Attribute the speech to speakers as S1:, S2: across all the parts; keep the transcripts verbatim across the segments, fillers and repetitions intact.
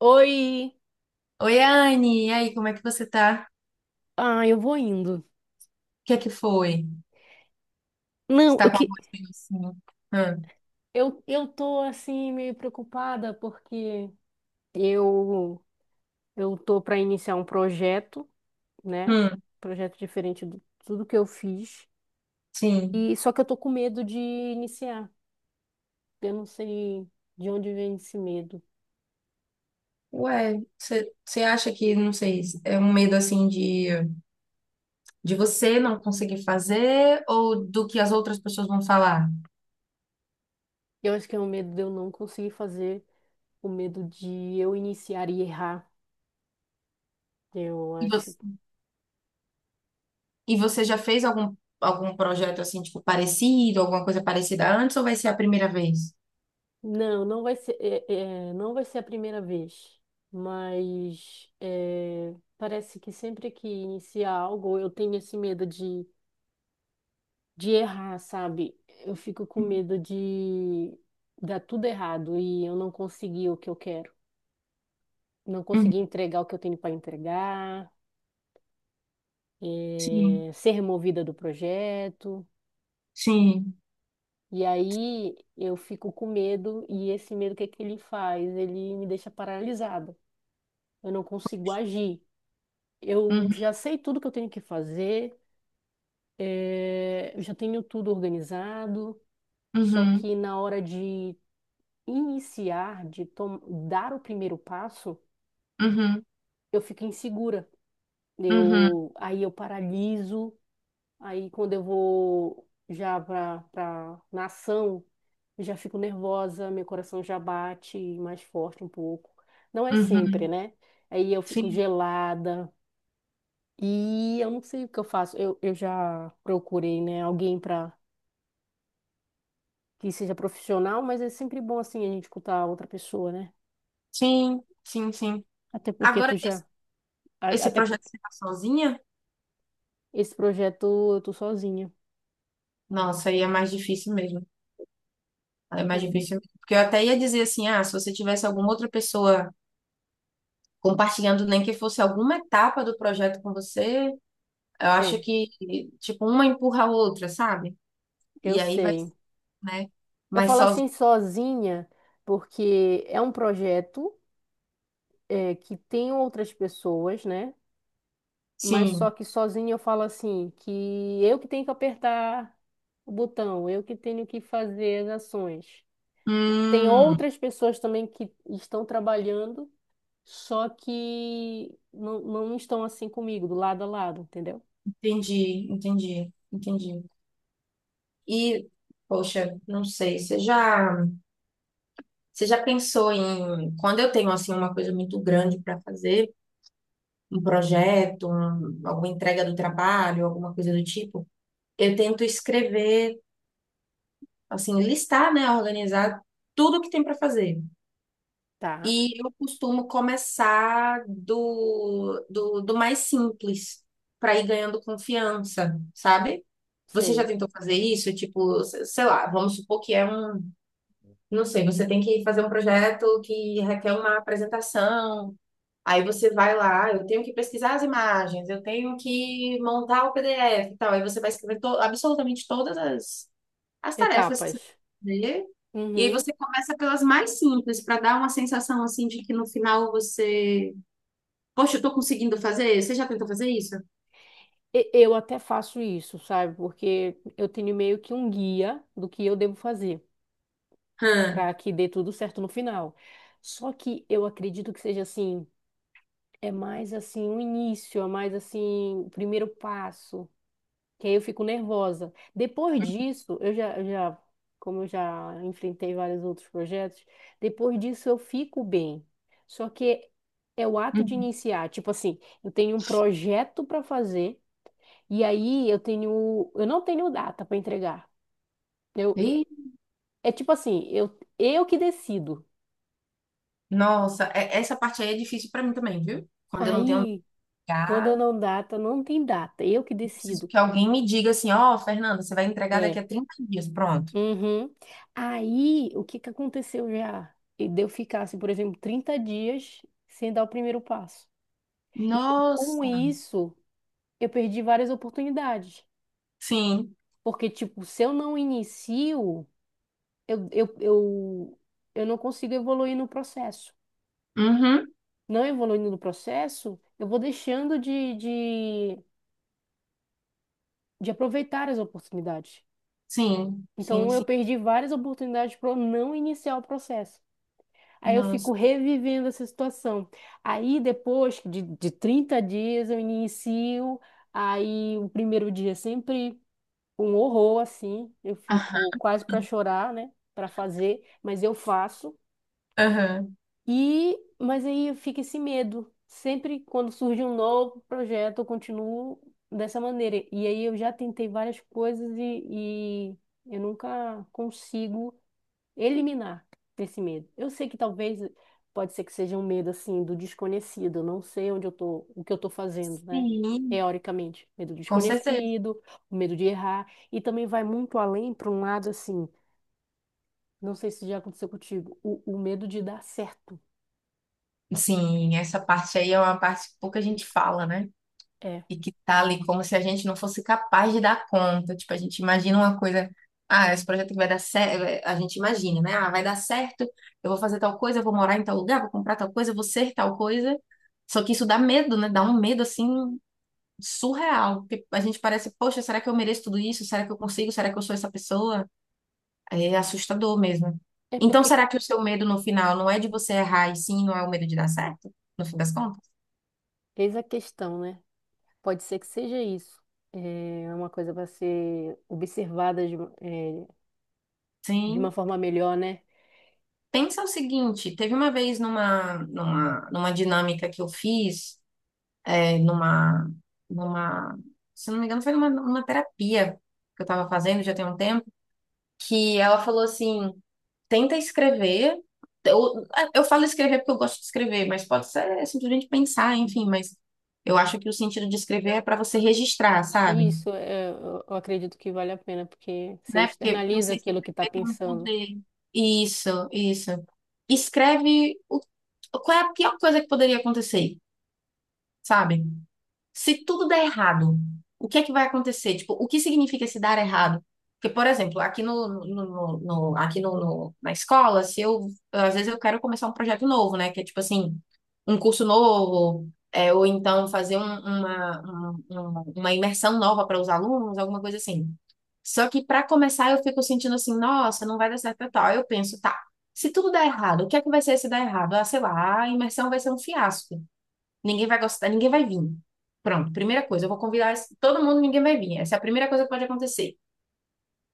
S1: Oi!
S2: Oi, Anne, e aí, como é que você tá?
S1: Ah, eu vou indo.
S2: O que é que foi? Você
S1: Não, eu
S2: tá com a
S1: que
S2: voz meio assim? Hum,
S1: eu, eu tô assim meio preocupada porque eu eu tô para iniciar um projeto, né?
S2: hum,
S1: Projeto diferente de tudo que eu fiz.
S2: sim.
S1: E só que eu tô com medo de iniciar. Eu não sei de onde vem esse medo.
S2: Ué, você acha que, não sei, é um medo assim de, de, você não conseguir fazer ou do que as outras pessoas vão falar?
S1: Eu acho que é o medo de eu não conseguir fazer, o medo de eu iniciar e errar. Eu
S2: E
S1: acho.
S2: você, e você já fez algum, algum projeto assim, tipo, parecido, alguma coisa parecida antes ou vai ser a primeira vez?
S1: Não, não vai ser, é, é, não vai ser a primeira vez, mas é, parece que sempre que inicia algo eu tenho esse medo de, de errar, sabe? Eu fico com medo de dar tudo errado e eu não conseguir o que eu quero, não
S2: Uhum,
S1: conseguir entregar o que eu tenho para entregar,
S2: sim,
S1: é, ser removida do projeto.
S2: sim.
S1: E aí eu fico com medo e esse medo, o que é que ele faz? Ele me deixa paralisada. Eu não consigo agir. Eu
S2: Uhum,
S1: já sei tudo que eu tenho que fazer, eh, eu já tenho tudo organizado, só
S2: uhum,
S1: que na hora de iniciar, de tom- dar o primeiro passo,
S2: uhum,
S1: eu fico insegura.
S2: uhum,
S1: Eu, aí eu paraliso, aí quando eu vou já para para na ação, eu já fico nervosa, meu coração já bate mais forte um pouco. Não é sempre,
S2: uhum.
S1: né? Aí eu fico
S2: Sim,
S1: gelada. E eu não sei o que eu faço. Eu, eu já procurei, né, alguém para que seja profissional, mas é sempre bom assim a gente escutar outra pessoa, né?
S2: sim, sim, sim.
S1: Até porque tu
S2: Agora,
S1: já,
S2: esse
S1: a-
S2: esse
S1: até por-
S2: projeto de ficar sozinha,
S1: esse projeto eu tô sozinha.
S2: nossa, aí é mais difícil mesmo. Aí É mais
S1: Eu-
S2: difícil mesmo. Porque eu até ia dizer assim, ah, se você tivesse alguma outra pessoa compartilhando, nem que fosse alguma etapa do projeto com você, eu acho
S1: É,
S2: que, tipo, uma empurra a outra, sabe?
S1: eu
S2: E aí vai,
S1: sei.
S2: né?
S1: Eu
S2: Mas
S1: falo assim
S2: sozinho,
S1: sozinha porque é um projeto é, que tem outras pessoas, né? Mas só
S2: sim.
S1: que sozinha eu falo assim que eu que tenho que apertar o botão, eu que tenho que fazer as ações. Tem
S2: Hum,
S1: outras pessoas também que estão trabalhando, só que não, não estão assim comigo, do lado a lado, entendeu?
S2: entendi, entendi, entendi. E, poxa, não sei, você já, você já pensou em, quando eu tenho, assim, uma coisa muito grande para fazer, um projeto, um- alguma entrega do trabalho, alguma coisa do tipo, eu tento escrever, assim, listar, né, organizar tudo que tem para fazer.
S1: Tá.
S2: E eu costumo começar do, do, do mais simples, para ir ganhando confiança, sabe? Você já
S1: Sei.
S2: tentou fazer isso? Tipo, se- sei lá, vamos supor que é um, não sei, você tem que fazer um projeto que requer uma apresentação. Aí você vai lá: "Ah, eu tenho que pesquisar as imagens, eu tenho que montar o P D F e tal." Aí você vai escrever to- absolutamente todas as, as tarefas que você
S1: Etapas.
S2: tem que fazer. E aí
S1: Uhum.
S2: você começa pelas mais simples, para dar uma sensação assim de que no final você... Poxa, eu tô conseguindo fazer? Você já tentou fazer isso?
S1: E- Eu até faço isso, sabe? Porque eu tenho meio que um guia do que eu devo fazer
S2: Hã.
S1: para que dê tudo certo no final. Só que eu acredito que seja assim, é mais assim o início, é mais assim o primeiro passo. Que aí eu fico nervosa. Depois disso, eu já, eu já, como eu já enfrentei vários outros projetos, depois disso eu fico bem. Só que é o ato de
S2: Uhum.
S1: iniciar, tipo assim, eu tenho um projeto para fazer e aí eu tenho, eu não tenho data para entregar. Eu,
S2: Ih,
S1: é tipo assim, eu, eu que decido.
S2: nossa, é- essa parte aí é difícil para mim também, viu? Quando eu não tenho onde
S1: Aí, quando eu
S2: entregar,
S1: não data, não tem data, eu que
S2: eu preciso
S1: decido.
S2: que alguém me diga assim: ó, Fernanda, você vai entregar daqui
S1: É,
S2: a trinta dias, pronto.
S1: uhum. Aí, o que que aconteceu já? E de eu ficasse, por exemplo, trinta dias sem dar o primeiro passo. E com
S2: Nossa,
S1: isso, eu perdi várias oportunidades.
S2: sim.
S1: Porque, tipo, se eu não inicio, eu, eu, eu, eu não consigo evoluir no processo.
S2: Uhum.
S1: Não evoluindo no processo, eu vou deixando de, de, de aproveitar as oportunidades.
S2: Sim, sim,
S1: Então, eu
S2: sim.
S1: perdi várias oportunidades para não iniciar o processo. Aí eu fico
S2: Nossa.
S1: revivendo essa situação. Aí depois de, de trinta dias eu inicio, aí o primeiro dia é sempre um horror, assim, eu fico
S2: Aham.
S1: quase para chorar, né, para fazer, mas eu faço.
S2: Aham.
S1: E mas aí fica esse medo. Sempre quando surge um novo projeto, eu continuo dessa maneira. E aí eu já tentei várias coisas e, e eu nunca consigo eliminar esse medo. Eu sei que talvez eh, pode ser que seja um medo assim do desconhecido, eu não sei onde eu tô, o que eu tô fazendo, né?
S2: Sim,
S1: Teoricamente, medo do
S2: com certeza.
S1: desconhecido, o medo de errar, e também vai muito além para um lado assim, não sei se já aconteceu contigo, o, o medo de dar certo.
S2: Sim, essa parte aí é uma parte que pouca gente fala, né?
S1: É.
S2: E que tá ali como se a gente não fosse capaz de dar conta. Tipo, a gente imagina uma coisa. Ah, esse projeto que vai dar certo. A gente imagina, né? Ah, vai dar certo, eu vou fazer tal coisa, eu vou morar em tal lugar, vou comprar tal coisa, eu vou ser tal coisa. Só que isso dá medo, né? Dá um medo assim surreal. Porque a gente parece, poxa, será que eu mereço tudo isso? Será que eu consigo? Será que eu sou essa pessoa? É assustador mesmo.
S1: É
S2: Então,
S1: porque
S2: será que o seu medo no final não é de você errar e sim, não é o medo de dar certo? No fim das contas?
S1: eis a questão, né? Pode ser que seja isso. É uma coisa para ser observada de, uma- é, de uma
S2: Sim.
S1: forma melhor, né?
S2: Pensa o seguinte, teve uma vez numa, numa, numa dinâmica que eu fiz, é, numa, numa, se não me engano, foi numa, numa terapia que eu estava fazendo já tem um tempo, que ela falou assim: tenta escrever. Eu, eu falo escrever porque eu gosto de escrever, mas pode ser simplesmente pensar, enfim, mas eu acho que o sentido de escrever é para você registrar, sabe?
S1: Isso, é, eu eu acredito que vale a pena, porque você
S2: Né? Porque, porque
S1: externaliza
S2: você
S1: aquilo que está
S2: escrever tem um
S1: pensando.
S2: poder. Isso, isso. Escreve o, qual é a pior coisa que poderia acontecer, sabe? Se tudo der errado, o que é que vai acontecer? Tipo, o que significa se dar errado? Porque, por exemplo, aqui no, no- no- no- aqui no, no- na escola, se eu, às vezes eu quero começar um projeto novo, né? Que é tipo assim, um curso novo, é, ou então fazer um- uma, um- um- uma imersão nova para os alunos, alguma coisa assim. Só que para começar eu fico sentindo assim, nossa, não vai dar certo e tal. Aí Eu penso, tá, se tudo der errado, o que é que vai ser se dar errado? Ah, sei lá, a imersão vai ser um fiasco. Ninguém vai gostar, ninguém vai vir. Pronto, primeira coisa, eu vou convidar esse- todo mundo, ninguém vai vir. Essa é a primeira coisa que pode acontecer.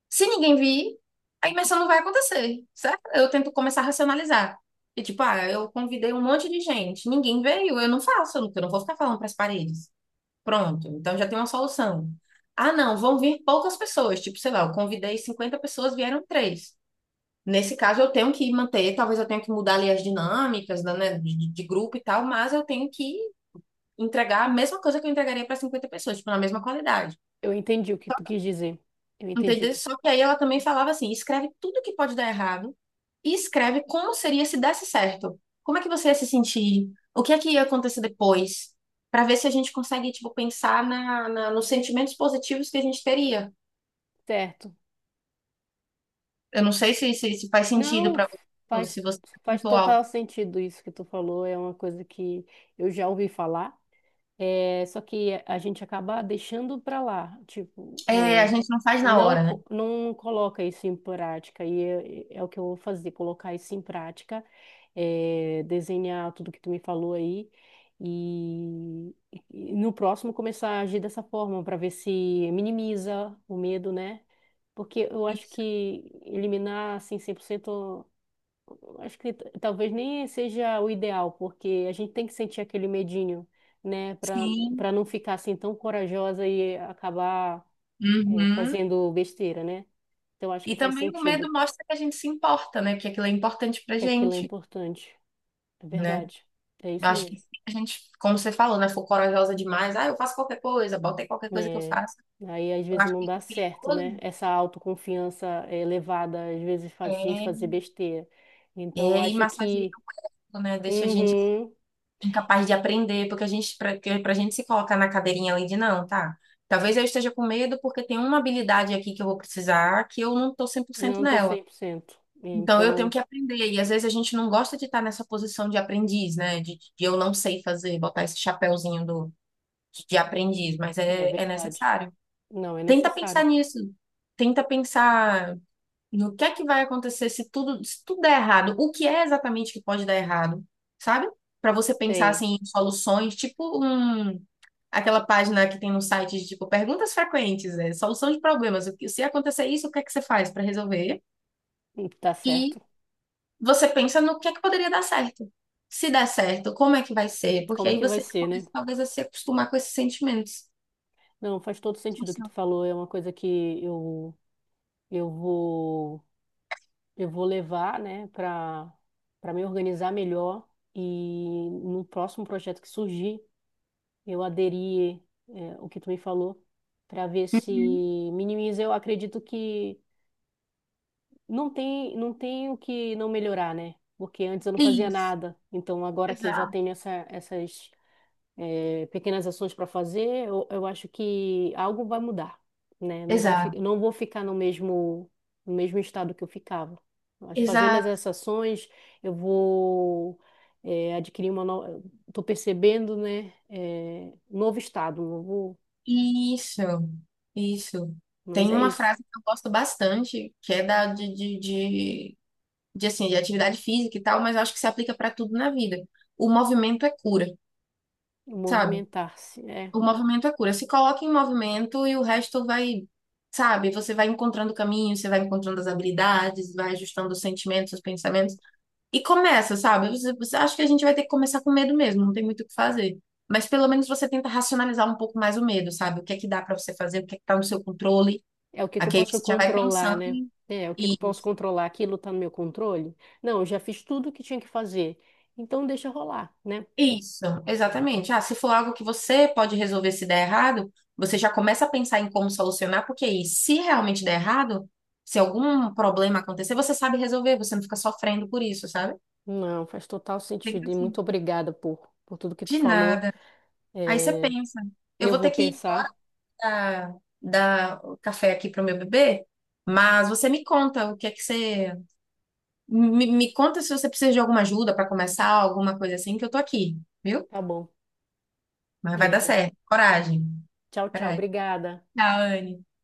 S2: Se ninguém vir, a imersão não vai acontecer, certo? Eu tento começar a racionalizar. E tipo, ah, eu convidei um monte de gente, ninguém veio, eu não faço, eu não eu não vou ficar falando para as paredes. Pronto, então já tem uma solução. Ah, não, vão vir poucas pessoas, tipo, sei lá, eu convidei cinquenta pessoas, vieram três. Nesse caso, eu tenho que manter, talvez eu tenha que mudar ali as dinâmicas, né, de, de grupo e tal, mas eu tenho que entregar a mesma coisa que eu entregaria para cinquenta pessoas, tipo, na mesma qualidade.
S1: Eu entendi o que tu quis dizer. Eu entendi.
S2: Entendeu? Só que aí ela também falava assim: escreve tudo que pode dar errado e escreve como seria se desse certo. Como é que você ia se sentir? O que é que ia acontecer depois? Para ver se a gente consegue, tipo, pensar na, na- nos sentimentos positivos que a gente teria.
S1: Certo.
S2: Eu não sei se, se, se faz sentido
S1: Não,
S2: para você, ou
S1: faz,
S2: se você
S1: faz
S2: perguntou algo.
S1: total sentido isso que tu falou. É uma coisa que eu já ouvi falar. É, só que a gente acaba deixando para lá. Tipo,
S2: É, a
S1: é,
S2: gente não faz na
S1: não,
S2: hora, né?
S1: co- não coloca isso em prática, e é, é é o que eu vou fazer, colocar isso em prática, é, desenhar tudo que tu me falou aí, e, e no próximo começar a agir dessa forma, para ver se minimiza o medo, né? Porque eu acho
S2: Isso.
S1: que eliminar, assim, cem por cento, eu acho que t- talvez nem seja o ideal, porque a gente tem que sentir aquele medinho, né? Para
S2: Sim.
S1: para não ficar, assim, tão corajosa e acabar é,
S2: Uhum.
S1: fazendo besteira, né? Então acho
S2: E
S1: que faz
S2: também o
S1: sentido
S2: medo mostra que a gente se importa, né? Que aquilo é importante pra
S1: que aquilo é
S2: gente.
S1: importante. É
S2: Né?
S1: verdade. É
S2: Eu
S1: isso
S2: acho que
S1: mesmo.
S2: a gente, como você falou, né, for corajosa demais, ah, eu faço qualquer coisa, bota aí qualquer coisa que eu
S1: É,
S2: faço.
S1: aí às
S2: Eu
S1: vezes
S2: acho
S1: não
S2: que isso
S1: dá
S2: é
S1: certo, né?
S2: perigoso.
S1: Essa autoconfiança é, elevada às vezes faz a gente
S2: É,
S1: fazer besteira. Então eu
S2: é e
S1: acho
S2: massageia
S1: que
S2: o corpo, né? Deixa a gente
S1: uhum,
S2: incapaz de aprender, porque a gente, pra, que- pra gente se colocar na cadeirinha ali de não, tá? Talvez eu esteja com medo porque tem uma habilidade aqui que eu vou precisar que eu não tô cem por cento
S1: não tô
S2: nela.
S1: cem por cento.
S2: Então eu tenho
S1: Então
S2: que aprender. E às vezes a gente não gosta de estar nessa posição de aprendiz, né? De, de eu não sei fazer, botar esse chapéuzinho do, de aprendiz, mas
S1: é
S2: é, é
S1: verdade.
S2: necessário.
S1: Não é
S2: Tenta
S1: necessário.
S2: pensar nisso. Tenta pensar no que é que vai acontecer se tudo, se tudo der errado. O que é exatamente que pode dar errado, sabe? Para você pensar
S1: Sei.
S2: assim em soluções, tipo um, aquela página que tem no site de tipo perguntas frequentes, né? Solução de problemas. O que se acontecer isso, o que é que você faz para resolver?
S1: Tá
S2: E
S1: certo.
S2: você pensa no que é que poderia dar certo. Se der certo, como é que vai ser? Porque
S1: Como é
S2: aí
S1: que vai
S2: você
S1: ser, né?
S2: começa talvez a se acostumar com esses sentimentos.
S1: Não, faz todo sentido o que tu
S2: Nossa.
S1: falou. É uma coisa que eu eu vou. Eu vou levar, né, para para me organizar melhor e no próximo projeto que surgir, eu aderir é, o que tu me falou para ver se
S2: Uhum.
S1: minimiza. Eu acredito que não tem não tem o que não melhorar, né? Porque antes eu não fazia
S2: Isso.
S1: nada. Então agora que eu já
S2: Exato.
S1: tenho essa, essas é, pequenas ações para fazer, eu, eu acho que algo vai mudar, né? Não vai, fi-
S2: Exato.
S1: não vou ficar no mesmo, no mesmo estado que eu ficava. Mas fazendo
S2: Exato.
S1: essas ações, eu vou é, adquirir uma nova. Estou percebendo, né? É, um novo estado, um novo...
S2: Isso, isso.
S1: mas
S2: Tem
S1: é
S2: uma
S1: isso.
S2: frase que eu gosto bastante, que é da de, de, de, de, assim, de atividade física e tal, mas eu acho que se aplica para tudo na vida. O movimento é cura, sabe?
S1: Movimentar-se, né?
S2: O movimento é cura. Se coloca em movimento e o resto vai, sabe? Você vai encontrando caminho, você vai encontrando as habilidades, vai ajustando os sentimentos, os pensamentos. E começa, sabe? Você, você acha que a gente vai ter que começar com medo mesmo, não tem muito o que fazer. Mas pelo menos você tenta racionalizar um pouco mais o medo, sabe? O que é que dá pra você fazer, o que é que tá no seu controle.
S1: É o que que eu
S2: Aqui Aí
S1: posso
S2: você já vai
S1: controlar,
S2: pensando
S1: né?
S2: em
S1: É, o que que
S2: e
S1: eu posso controlar? Aquilo está no meu controle? Não, eu já fiz tudo o que tinha que fazer. Então deixa rolar, né?
S2: isso, exatamente. Ah, se for algo que você pode resolver se der errado, você já começa a pensar em como solucionar, porque aí, se realmente der errado, se algum problema acontecer, você sabe resolver, você não fica sofrendo por isso, sabe?
S1: Não, faz total
S2: Tem
S1: sentido. E
S2: assim,
S1: muito obrigada por, por tudo que tu
S2: de
S1: falou.
S2: nada. Aí você
S1: É,
S2: pensa, eu
S1: eu
S2: vou ter
S1: vou
S2: que
S1: pensar.
S2: dar, dar o café aqui para o meu bebê, mas você me conta o que é que você. Me, me conta se você precisa de alguma ajuda para começar, alguma coisa assim, que eu tô aqui, viu?
S1: Tá bom.
S2: Mas vai dar
S1: É,
S2: certo. Coragem.
S1: tchau, tchau.
S2: Coragem.
S1: Obrigada.
S2: Tchau, Anne.